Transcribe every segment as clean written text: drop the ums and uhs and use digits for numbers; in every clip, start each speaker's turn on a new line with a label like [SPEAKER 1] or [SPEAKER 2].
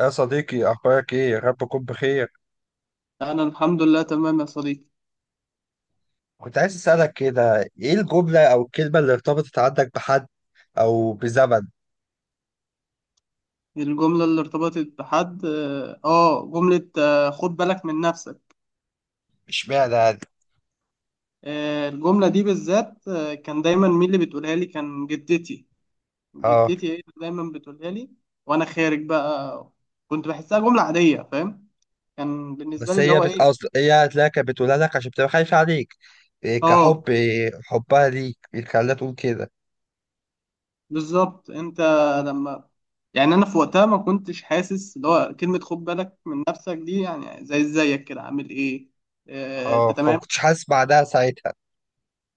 [SPEAKER 1] يا صديقي، أخبارك إيه؟ يا رب تكون بخير.
[SPEAKER 2] أنا الحمد لله تمام يا صديقي.
[SPEAKER 1] كنت عايز أسألك كده، إيه الجملة أو الكلمة اللي ارتبطت عندك بحد أو بزمن؟
[SPEAKER 2] الجملة اللي ارتبطت بحد جملة خد بالك من نفسك.
[SPEAKER 1] اشمعنى يعني؟
[SPEAKER 2] الجملة دي بالذات، كان دايما مين اللي بتقولها لي؟ كان جدتي،
[SPEAKER 1] آه،
[SPEAKER 2] جدتي هي اللي دايما بتقولها لي وأنا خارج بقى. كنت بحسها جملة عادية، فاهم، كان بالنسبة لي اللي هو إيه.
[SPEAKER 1] أصل هي هتلاقيها كانت بتقولها لك عشان بتبقى خايفة عليك. إيه
[SPEAKER 2] آه
[SPEAKER 1] كحب إيه حبها ليك اللي خلاها تقول كده.
[SPEAKER 2] بالظبط أنت. لما، يعني أنا في وقتها ما كنتش حاسس اللي هو كلمة خد بالك من نفسك دي، يعني زيك كده، عامل إيه؟ آه
[SPEAKER 1] آه،
[SPEAKER 2] أنت
[SPEAKER 1] فما
[SPEAKER 2] تمام.
[SPEAKER 1] كنتش حاسس بعدها ساعتها.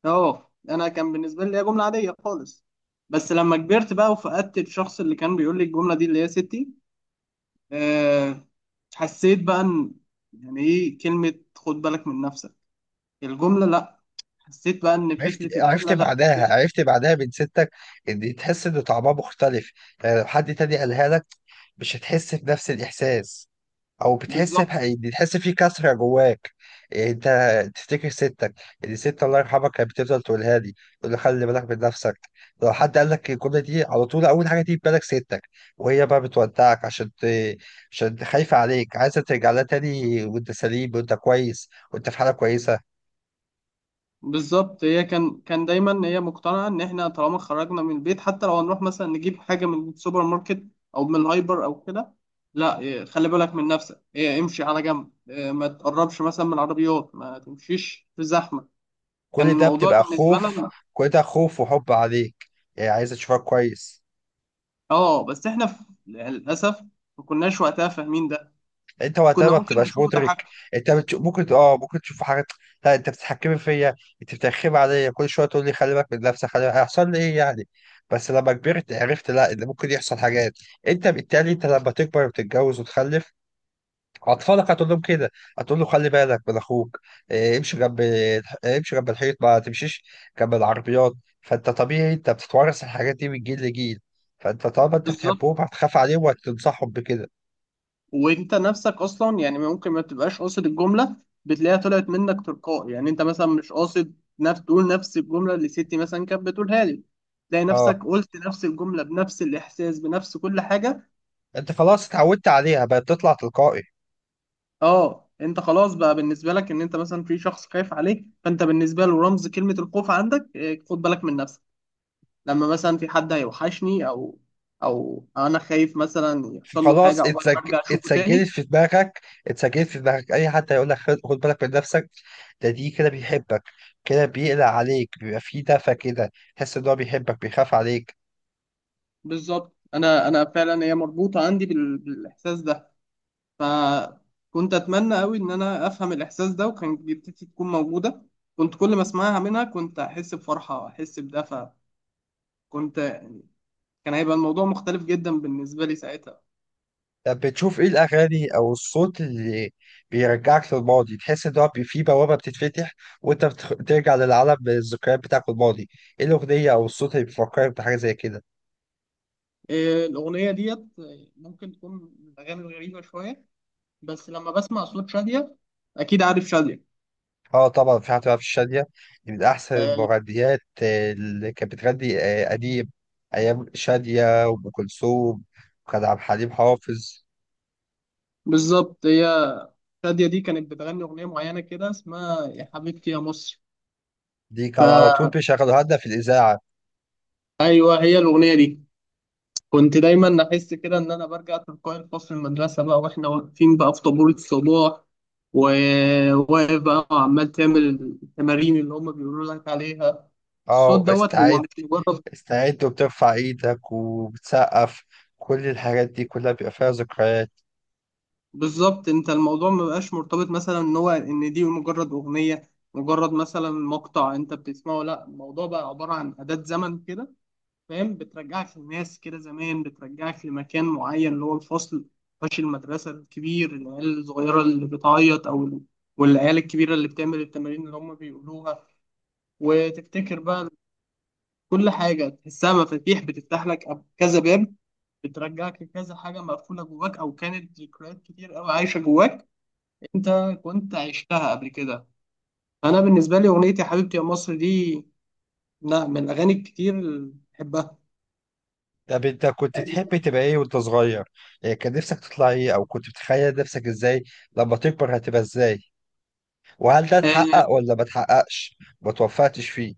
[SPEAKER 2] اه انا كان بالنسبه لي هي جمله عاديه خالص، بس لما كبرت بقى وفقدت الشخص اللي كان بيقول لي الجمله دي اللي هي ستي. أه حسيت بقى ان، يعني ايه كلمه خد بالك من نفسك. الجمله لا، حسيت بقى ان
[SPEAKER 1] عرفت
[SPEAKER 2] فكره
[SPEAKER 1] عرفت
[SPEAKER 2] الجمله لا.
[SPEAKER 1] بعدها عرفت بعدها من ستك، إن تحس إن طعمها مختلف. يعني لو حد تاني قالها لك مش هتحس بنفس الإحساس. او بتحس
[SPEAKER 2] بالظبط.
[SPEAKER 1] بح- بتحس في كسره جواك. يعني انت تفتكر ستك دي، ست الله يرحمها، كانت بتفضل تقولها لي، تقول لي خلي بالك من نفسك. لو حد قال لك الجمله دي، على طول اول حاجه تيجي في بالك ستك، وهي بقى بتودعك عشان عشان خايفه عليك، عايزه ترجع لها تاني وانت سليم وانت كويس وانت في حاله كويسه.
[SPEAKER 2] بالظبط، هي كان دايما هي مقتنعه ان احنا طالما خرجنا من البيت، حتى لو هنروح مثلا نجيب حاجه من السوبر ماركت او من الهايبر او كده، لا إيه، خلي بالك من نفسك، إيه، امشي على جنب، إيه، ما تقربش مثلا من العربيات، ما تمشيش في زحمه. كان
[SPEAKER 1] كل ده
[SPEAKER 2] الموضوع
[SPEAKER 1] بتبقى
[SPEAKER 2] بالنسبه
[SPEAKER 1] خوف.
[SPEAKER 2] لنا،
[SPEAKER 1] كل ده خوف وحب عليك. يعني عايزه تشوفك كويس.
[SPEAKER 2] اه بس احنا للاسف ما كناش وقتها فاهمين ده،
[SPEAKER 1] انت وقتها
[SPEAKER 2] كنا
[SPEAKER 1] ما
[SPEAKER 2] ممكن
[SPEAKER 1] بتبقاش
[SPEAKER 2] نشوفه
[SPEAKER 1] مدرك.
[SPEAKER 2] تحكم.
[SPEAKER 1] ممكن ممكن تشوف حاجات. لا، انت بتتحكمي فيا، انت بترخمي عليا كل شويه تقول لي خلي بالك من نفسك، خلي بالك. هيحصل لي ايه يعني؟ بس لما كبرت عرفت، لا، ان ممكن يحصل حاجات. انت بالتالي، انت لما تكبر وتتجوز وتخلف، اطفالك هتقول لهم كده. هتقول له خلي بالك من اخوك. اه، امشي جنب الحيط. ما تمشيش جنب العربيات. فانت طبيعي، انت بتتورث الحاجات دي من جيل لجيل. فانت طالما انت
[SPEAKER 2] بالظبط.
[SPEAKER 1] بتحبهم هتخاف عليهم وهتنصحهم بكده.
[SPEAKER 2] وانت نفسك اصلا يعني ممكن ما تبقاش قاصد الجمله، بتلاقيها طلعت منك تلقائي. يعني انت مثلا مش قاصد تقول نفس الجمله اللي ستي مثلا كانت بتقولها لي، تلاقي نفسك
[SPEAKER 1] اه،
[SPEAKER 2] قلت نفس الجمله بنفس الاحساس، بنفس كل حاجه.
[SPEAKER 1] انت خلاص اتعودت عليها، بقت تطلع تلقائي.
[SPEAKER 2] اه، انت خلاص بقى بالنسبه لك ان انت مثلا في شخص خايف عليك، فانت بالنسبه له رمز كلمه الخوف عندك، إيه، خد بالك من نفسك. لما مثلا في حد هيوحشني او، او انا خايف مثلا يحصل له حاجه
[SPEAKER 1] فخلاص
[SPEAKER 2] او
[SPEAKER 1] اتسج...
[SPEAKER 2] برجع اشوفه
[SPEAKER 1] اتسجلت
[SPEAKER 2] تاني.
[SPEAKER 1] في دماغك اتسجلت في دماغك. اي حد هيقول لك خد بالك من نفسك، دي كده بيحبك، كده بيقلق عليك، بيبقى فيه دفى كده، تحس ان هو بيحبك بيخاف عليك.
[SPEAKER 2] بالظبط. انا فعلا هي مربوطه عندي بالاحساس ده. فكنت اتمنى قوي ان انا افهم الاحساس ده وكان جدتي تكون موجوده. كنت كل ما اسمعها منها كنت احس بفرحه واحس بدفى. كنت، كان هيبقى الموضوع مختلف جدا بالنسبه لي ساعتها.
[SPEAKER 1] طب بتشوف ايه الاغاني او الصوت اللي بيرجعك للماضي، تحس ان فيه بوابه بتتفتح وانت بترجع للعالم، الذكريات بتاعك الماضي؟ ايه الاغنيه او الصوت اللي بيفكرك بحاجه زي كده؟
[SPEAKER 2] إيه، الاغنيه ديت ممكن تكون من الاغاني الغريبه شويه، بس لما بسمع صوت شاديه، اكيد عارف شاديه.
[SPEAKER 1] اه، طبعا، في حتى في الشادية. دي من أحسن
[SPEAKER 2] آه.
[SPEAKER 1] المغنيات، اللي كانت بتغني قديم، أيام شادية وأم كلثوم، وكان عبد الحليم حافظ.
[SPEAKER 2] بالظبط، هي شاديه دي كانت بتغني اغنيه معينه كده اسمها يا حبيبتي يا مصر.
[SPEAKER 1] دي كان على طول بيشغلوها لنا في الإذاعة.
[SPEAKER 2] فايوه هي الاغنيه دي. كنت دايما احس كده ان انا برجع تلقائي لفصل المدرسه بقى واحنا واقفين بقى في طابور الصباح، وواقف بقى وعمال تعمل التمارين اللي هم بيقولوا لك عليها. الصوت
[SPEAKER 1] اه،
[SPEAKER 2] دوت هو
[SPEAKER 1] استعد!
[SPEAKER 2] مش مجرد.
[SPEAKER 1] استعد! وبترفع إيدك وبتسقف. كل الحاجات دي كلها بيبقى فيها ذكريات.
[SPEAKER 2] بالظبط، انت الموضوع ما بقاش مرتبط مثلا ان هو ان دي مجرد اغنيه، مجرد مثلا مقطع انت بتسمعه، لا الموضوع بقى عباره عن اداه زمن كده، فاهم، بترجعك للناس كده زمان، بترجعك لمكان معين اللي هو الفصل، فش المدرسة الكبير، العيال الصغيرة اللي بتعيط والعيال الكبيرة اللي بتعمل التمارين اللي هم بيقولوها. وتفتكر بقى، كل حاجة تحسها مفاتيح بتفتح لك كذا باب، بترجعك لكذا حاجة مقفولة جواك، أو كانت ذكريات كتير أوي عايشة جواك أنت، كنت عشتها قبل كده. أنا بالنسبة لي أغنية يا حبيبتي يا مصر دي لا من الأغاني الكتير اللي بحبها.
[SPEAKER 1] طب أنت كنت تحب تبقى إيه وأنت صغير؟ يعني كان نفسك تطلع إيه؟ أو كنت بتخيل نفسك إزاي لما تكبر، هتبقى إزاي؟ وهل ده
[SPEAKER 2] آه،
[SPEAKER 1] اتحقق ولا ما اتحققش؟ ما توفقتش فيه؟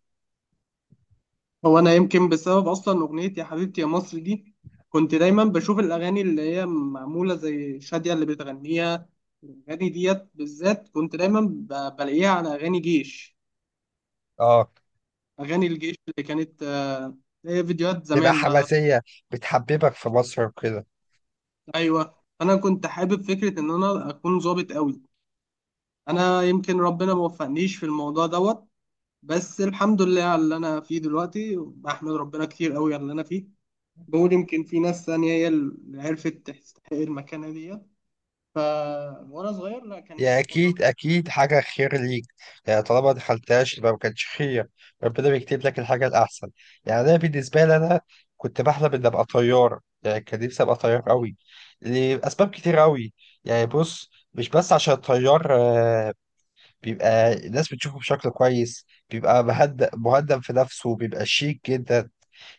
[SPEAKER 2] هو انا يمكن بسبب اصلا اغنيه يا حبيبتي يا مصر دي كنت دايما بشوف الاغاني اللي هي معموله زي شاديه اللي بتغنيها. الاغاني ديت بالذات كنت دايما بلاقيها على اغاني جيش،
[SPEAKER 1] اه،
[SPEAKER 2] اغاني الجيش اللي كانت، هي فيديوهات
[SPEAKER 1] تبقى
[SPEAKER 2] زمان بقى.
[SPEAKER 1] حماسية، بتحببك في مصر وكده.
[SPEAKER 2] ايوه انا كنت حابب فكره ان انا اكون ظابط قوي. انا يمكن ربنا ما وفقنيش في الموضوع دوت، بس الحمد لله على اللي انا فيه دلوقتي، بحمد ربنا كتير قوي على اللي انا فيه. نقول يمكن في ناس ثانية هي اللي عرفت تستحق المكانة ديت. ف وأنا صغير لا كان
[SPEAKER 1] يعني
[SPEAKER 2] نفسي أكون ظابط.
[SPEAKER 1] أكيد أكيد حاجة خير ليك. يعني طالما ما دخلتهاش يبقى ما كانش خير. ربنا بيكتب لك الحاجة الأحسن. يعني أنا بالنسبة لي، أنا كنت بحلم إني أبقى طيار. يعني كان نفسي أبقى طيار أوي، لأسباب كتير أوي. يعني بص، مش بس عشان الطيار، بيبقى الناس بتشوفه بشكل كويس، بيبقى مهدأ مهدأ في نفسه، بيبقى شيك جدا.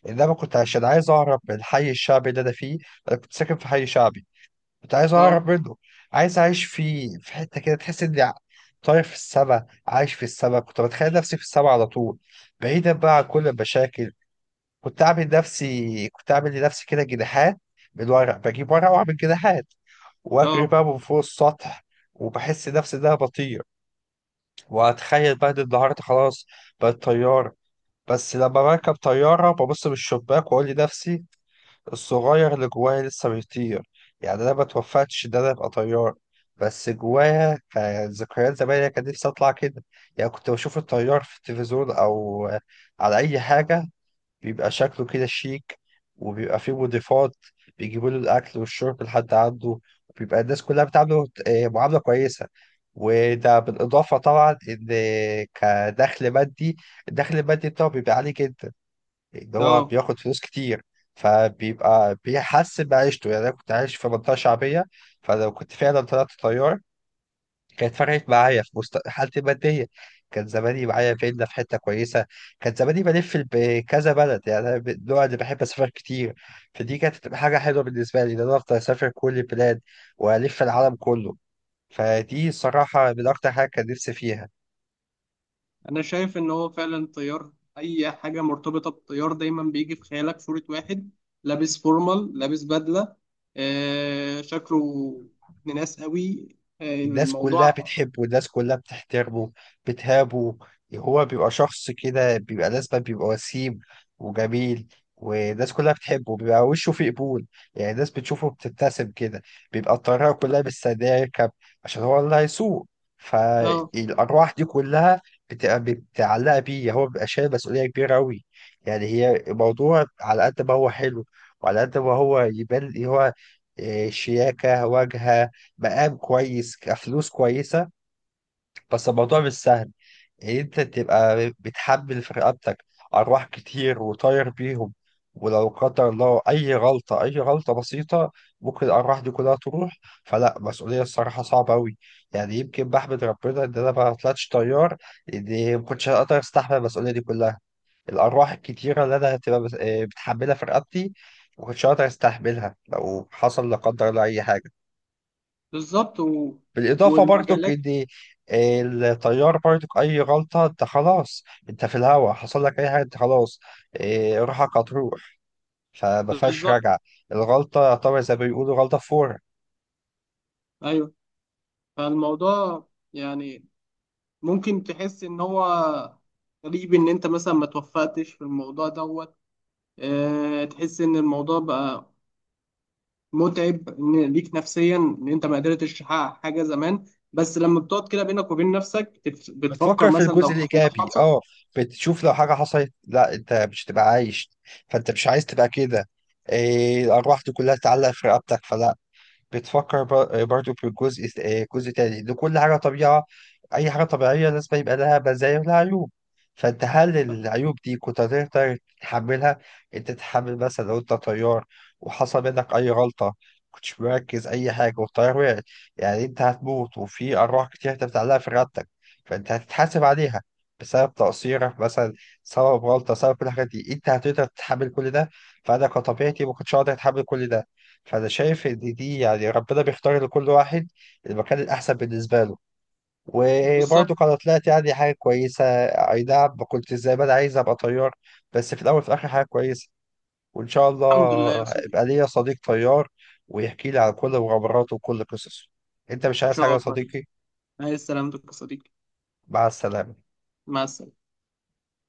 [SPEAKER 1] إنما كنت عشان عايز أهرب من الحي الشعبي اللي أنا فيه. أنا كنت ساكن في حي شعبي، كنت عايز
[SPEAKER 2] أه.
[SPEAKER 1] اهرب منه. عايز اعيش في حته كده، تحس اني طاير في السما، عايش في السما. كنت بتخيل نفسي في السما على طول، بعيدا بقى عن كل المشاكل. كنت اعمل لنفسي كده جناحات من ورق، بجيب ورق واعمل جناحات واجري
[SPEAKER 2] أه.
[SPEAKER 1] بقى من فوق السطح، وبحس نفسي ان انا بطير، واتخيل بقى ان النهارده خلاص بقيت طيار. بس لما بركب طياره ببص من الشباك واقول لنفسي الصغير اللي جوايا لسه بيطير. يعني انا ما توفتش ان انا ابقى طيار، بس جوايا كان ذكريات زمان. أنا كان نفسي اطلع كده. يعني كنت بشوف الطيار في التلفزيون او على اي حاجه، بيبقى شكله كده شيك، وبيبقى فيه مضيفات بيجيبوا له الاكل والشرب لحد عنده، وبيبقى الناس كلها بتعامله معامله كويسه. وده بالاضافه طبعا ان كدخل مادي، الدخل المادي بتاعه بيبقى عالي جدا، اللي هو
[SPEAKER 2] أه.
[SPEAKER 1] بياخد فلوس كتير، فبيبقى بيحسن بعيشته. يعني انا كنت عايش في منطقه شعبيه، فلو كنت فعلا طلعت طيار كانت فرقت معايا في حالتي الماديه. كان زماني معايا فيلا في حته كويسه، كان زماني بلف بكذا بلد. يعني انا من النوع اللي بحب اسافر كتير، فدي كانت تبقى حاجه حلوه بالنسبه لي، ان انا افضل اسافر كل البلاد والف العالم كله. فدي الصراحه من اكتر حاجه كان نفسي فيها.
[SPEAKER 2] أنا شايف إن هو فعلا طيار، أي حاجة مرتبطة بالطيار دايما بيجي في خيالك صورة واحد لابس فورمال، لابس بدلة، آه شكله ابن ناس قوي، آه
[SPEAKER 1] الناس كلها
[SPEAKER 2] الموضوع.
[SPEAKER 1] بتحبه، الناس كلها بتحترمه، بتهابه. هو بيبقى شخص كده بيبقى لازما بيبقى وسيم وجميل، والناس كلها بتحبه، بيبقى وشه فيه قبول. يعني الناس بتشوفه بتبتسم كده. بيبقى الطيارة كلها مستنية يركب، عشان هو اللي هيسوق.
[SPEAKER 2] أه
[SPEAKER 1] فالأرواح دي كلها بتبقى متعلقة بيه. هو بيبقى شايل مسؤولية كبيرة أوي. يعني هي الموضوع، على قد ما هو حلو، وعلى قد ما هو يبان هو شياكة، واجهة، مقام كويس، كفلوس كويسة، بس الموضوع مش سهل. إن أنت تبقى بتحمل في رقبتك أرواح كتير، وطاير بيهم، ولو قدر الله أي غلطة، أي غلطة بسيطة، ممكن الأرواح دي كلها تروح. فلا، مسؤولية الصراحة صعبة أوي. يعني يمكن بحمد ربنا إن أنا ما طلعتش طيار، لأن ما كنتش هقدر أستحمل المسؤولية دي كلها. الأرواح الكتيرة اللي أنا هتبقى بتحملها في رقبتي، ما كنتش هقدر أستحملها لو حصل لا قدر الله أي حاجة.
[SPEAKER 2] بالظبط
[SPEAKER 1] بالإضافة برضك
[SPEAKER 2] والمجالات.
[SPEAKER 1] إن الطيار برضك أي غلطة أنت خلاص. أنت في الهوا، حصل لك أي حاجة أنت خلاص. إيه، روحك هتروح، فما فيهاش
[SPEAKER 2] بالظبط.
[SPEAKER 1] رجعة. الغلطة طبعا زي ما بيقولوا غلطة فورة.
[SPEAKER 2] أيوه، فالموضوع يعني ممكن تحس ان هو غريب ان انت مثلا ما توفقتش في الموضوع دوت، اه تحس ان الموضوع بقى متعب ان ليك نفسيا ان انت ما قدرتش تحقق حاجه زمان، بس لما بتقعد كده بينك وبين نفسك بتفكر
[SPEAKER 1] بتفكر في
[SPEAKER 2] مثلا لو
[SPEAKER 1] الجزء
[SPEAKER 2] كان ده
[SPEAKER 1] الإيجابي.
[SPEAKER 2] حصل.
[SPEAKER 1] أه، بتشوف لو حاجة حصلت، لا، أنت مش هتبقى عايش، فأنت مش عايز تبقى كده. إيه، الأرواح دي كلها تتعلق في رقبتك، فلا. بتفكر برضو في جزء، جزء تاني، ان كل حاجه طبيعه. اي حاجه طبيعيه لازم يبقى لها مزايا ولها عيوب. فانت، هل العيوب دي كنت هتقدر تتحملها؟ انت تتحمل مثلا لو انت طيار وحصل منك اي غلطه، كنتش مركز اي حاجه والطيار وقع، يعني انت هتموت وفي ارواح كتير انت بتعلقها في رقبتك، فانت هتتحاسب عليها بسبب تقصيرك مثلا، سبب غلطه، سبب كل الحاجات دي. انت هتقدر تتحمل كل ده؟ فانا كطبيعتي ما كنتش هقدر اتحمل كل ده. فانا شايف ان دي، يعني، ربنا بيختار لكل واحد المكان الاحسن بالنسبه له. وبرضه
[SPEAKER 2] بالظبط.
[SPEAKER 1] كانت طلعت يعني حاجه كويسه. اي نعم، ما كنت زي ما انا عايز ابقى طيار، بس في الاول وفي الاخر حاجه كويسه. وان شاء
[SPEAKER 2] الحمد لله يا
[SPEAKER 1] الله
[SPEAKER 2] صديقي. ان
[SPEAKER 1] يبقى ليا صديق طيار ويحكي لي عن كل مغامراته وكل قصصه. انت مش عايز حاجه
[SPEAKER 2] شاء
[SPEAKER 1] يا
[SPEAKER 2] الله.
[SPEAKER 1] صديقي؟
[SPEAKER 2] عايز سلامتك يا صديقي.
[SPEAKER 1] مع السلامه.
[SPEAKER 2] مع السلامه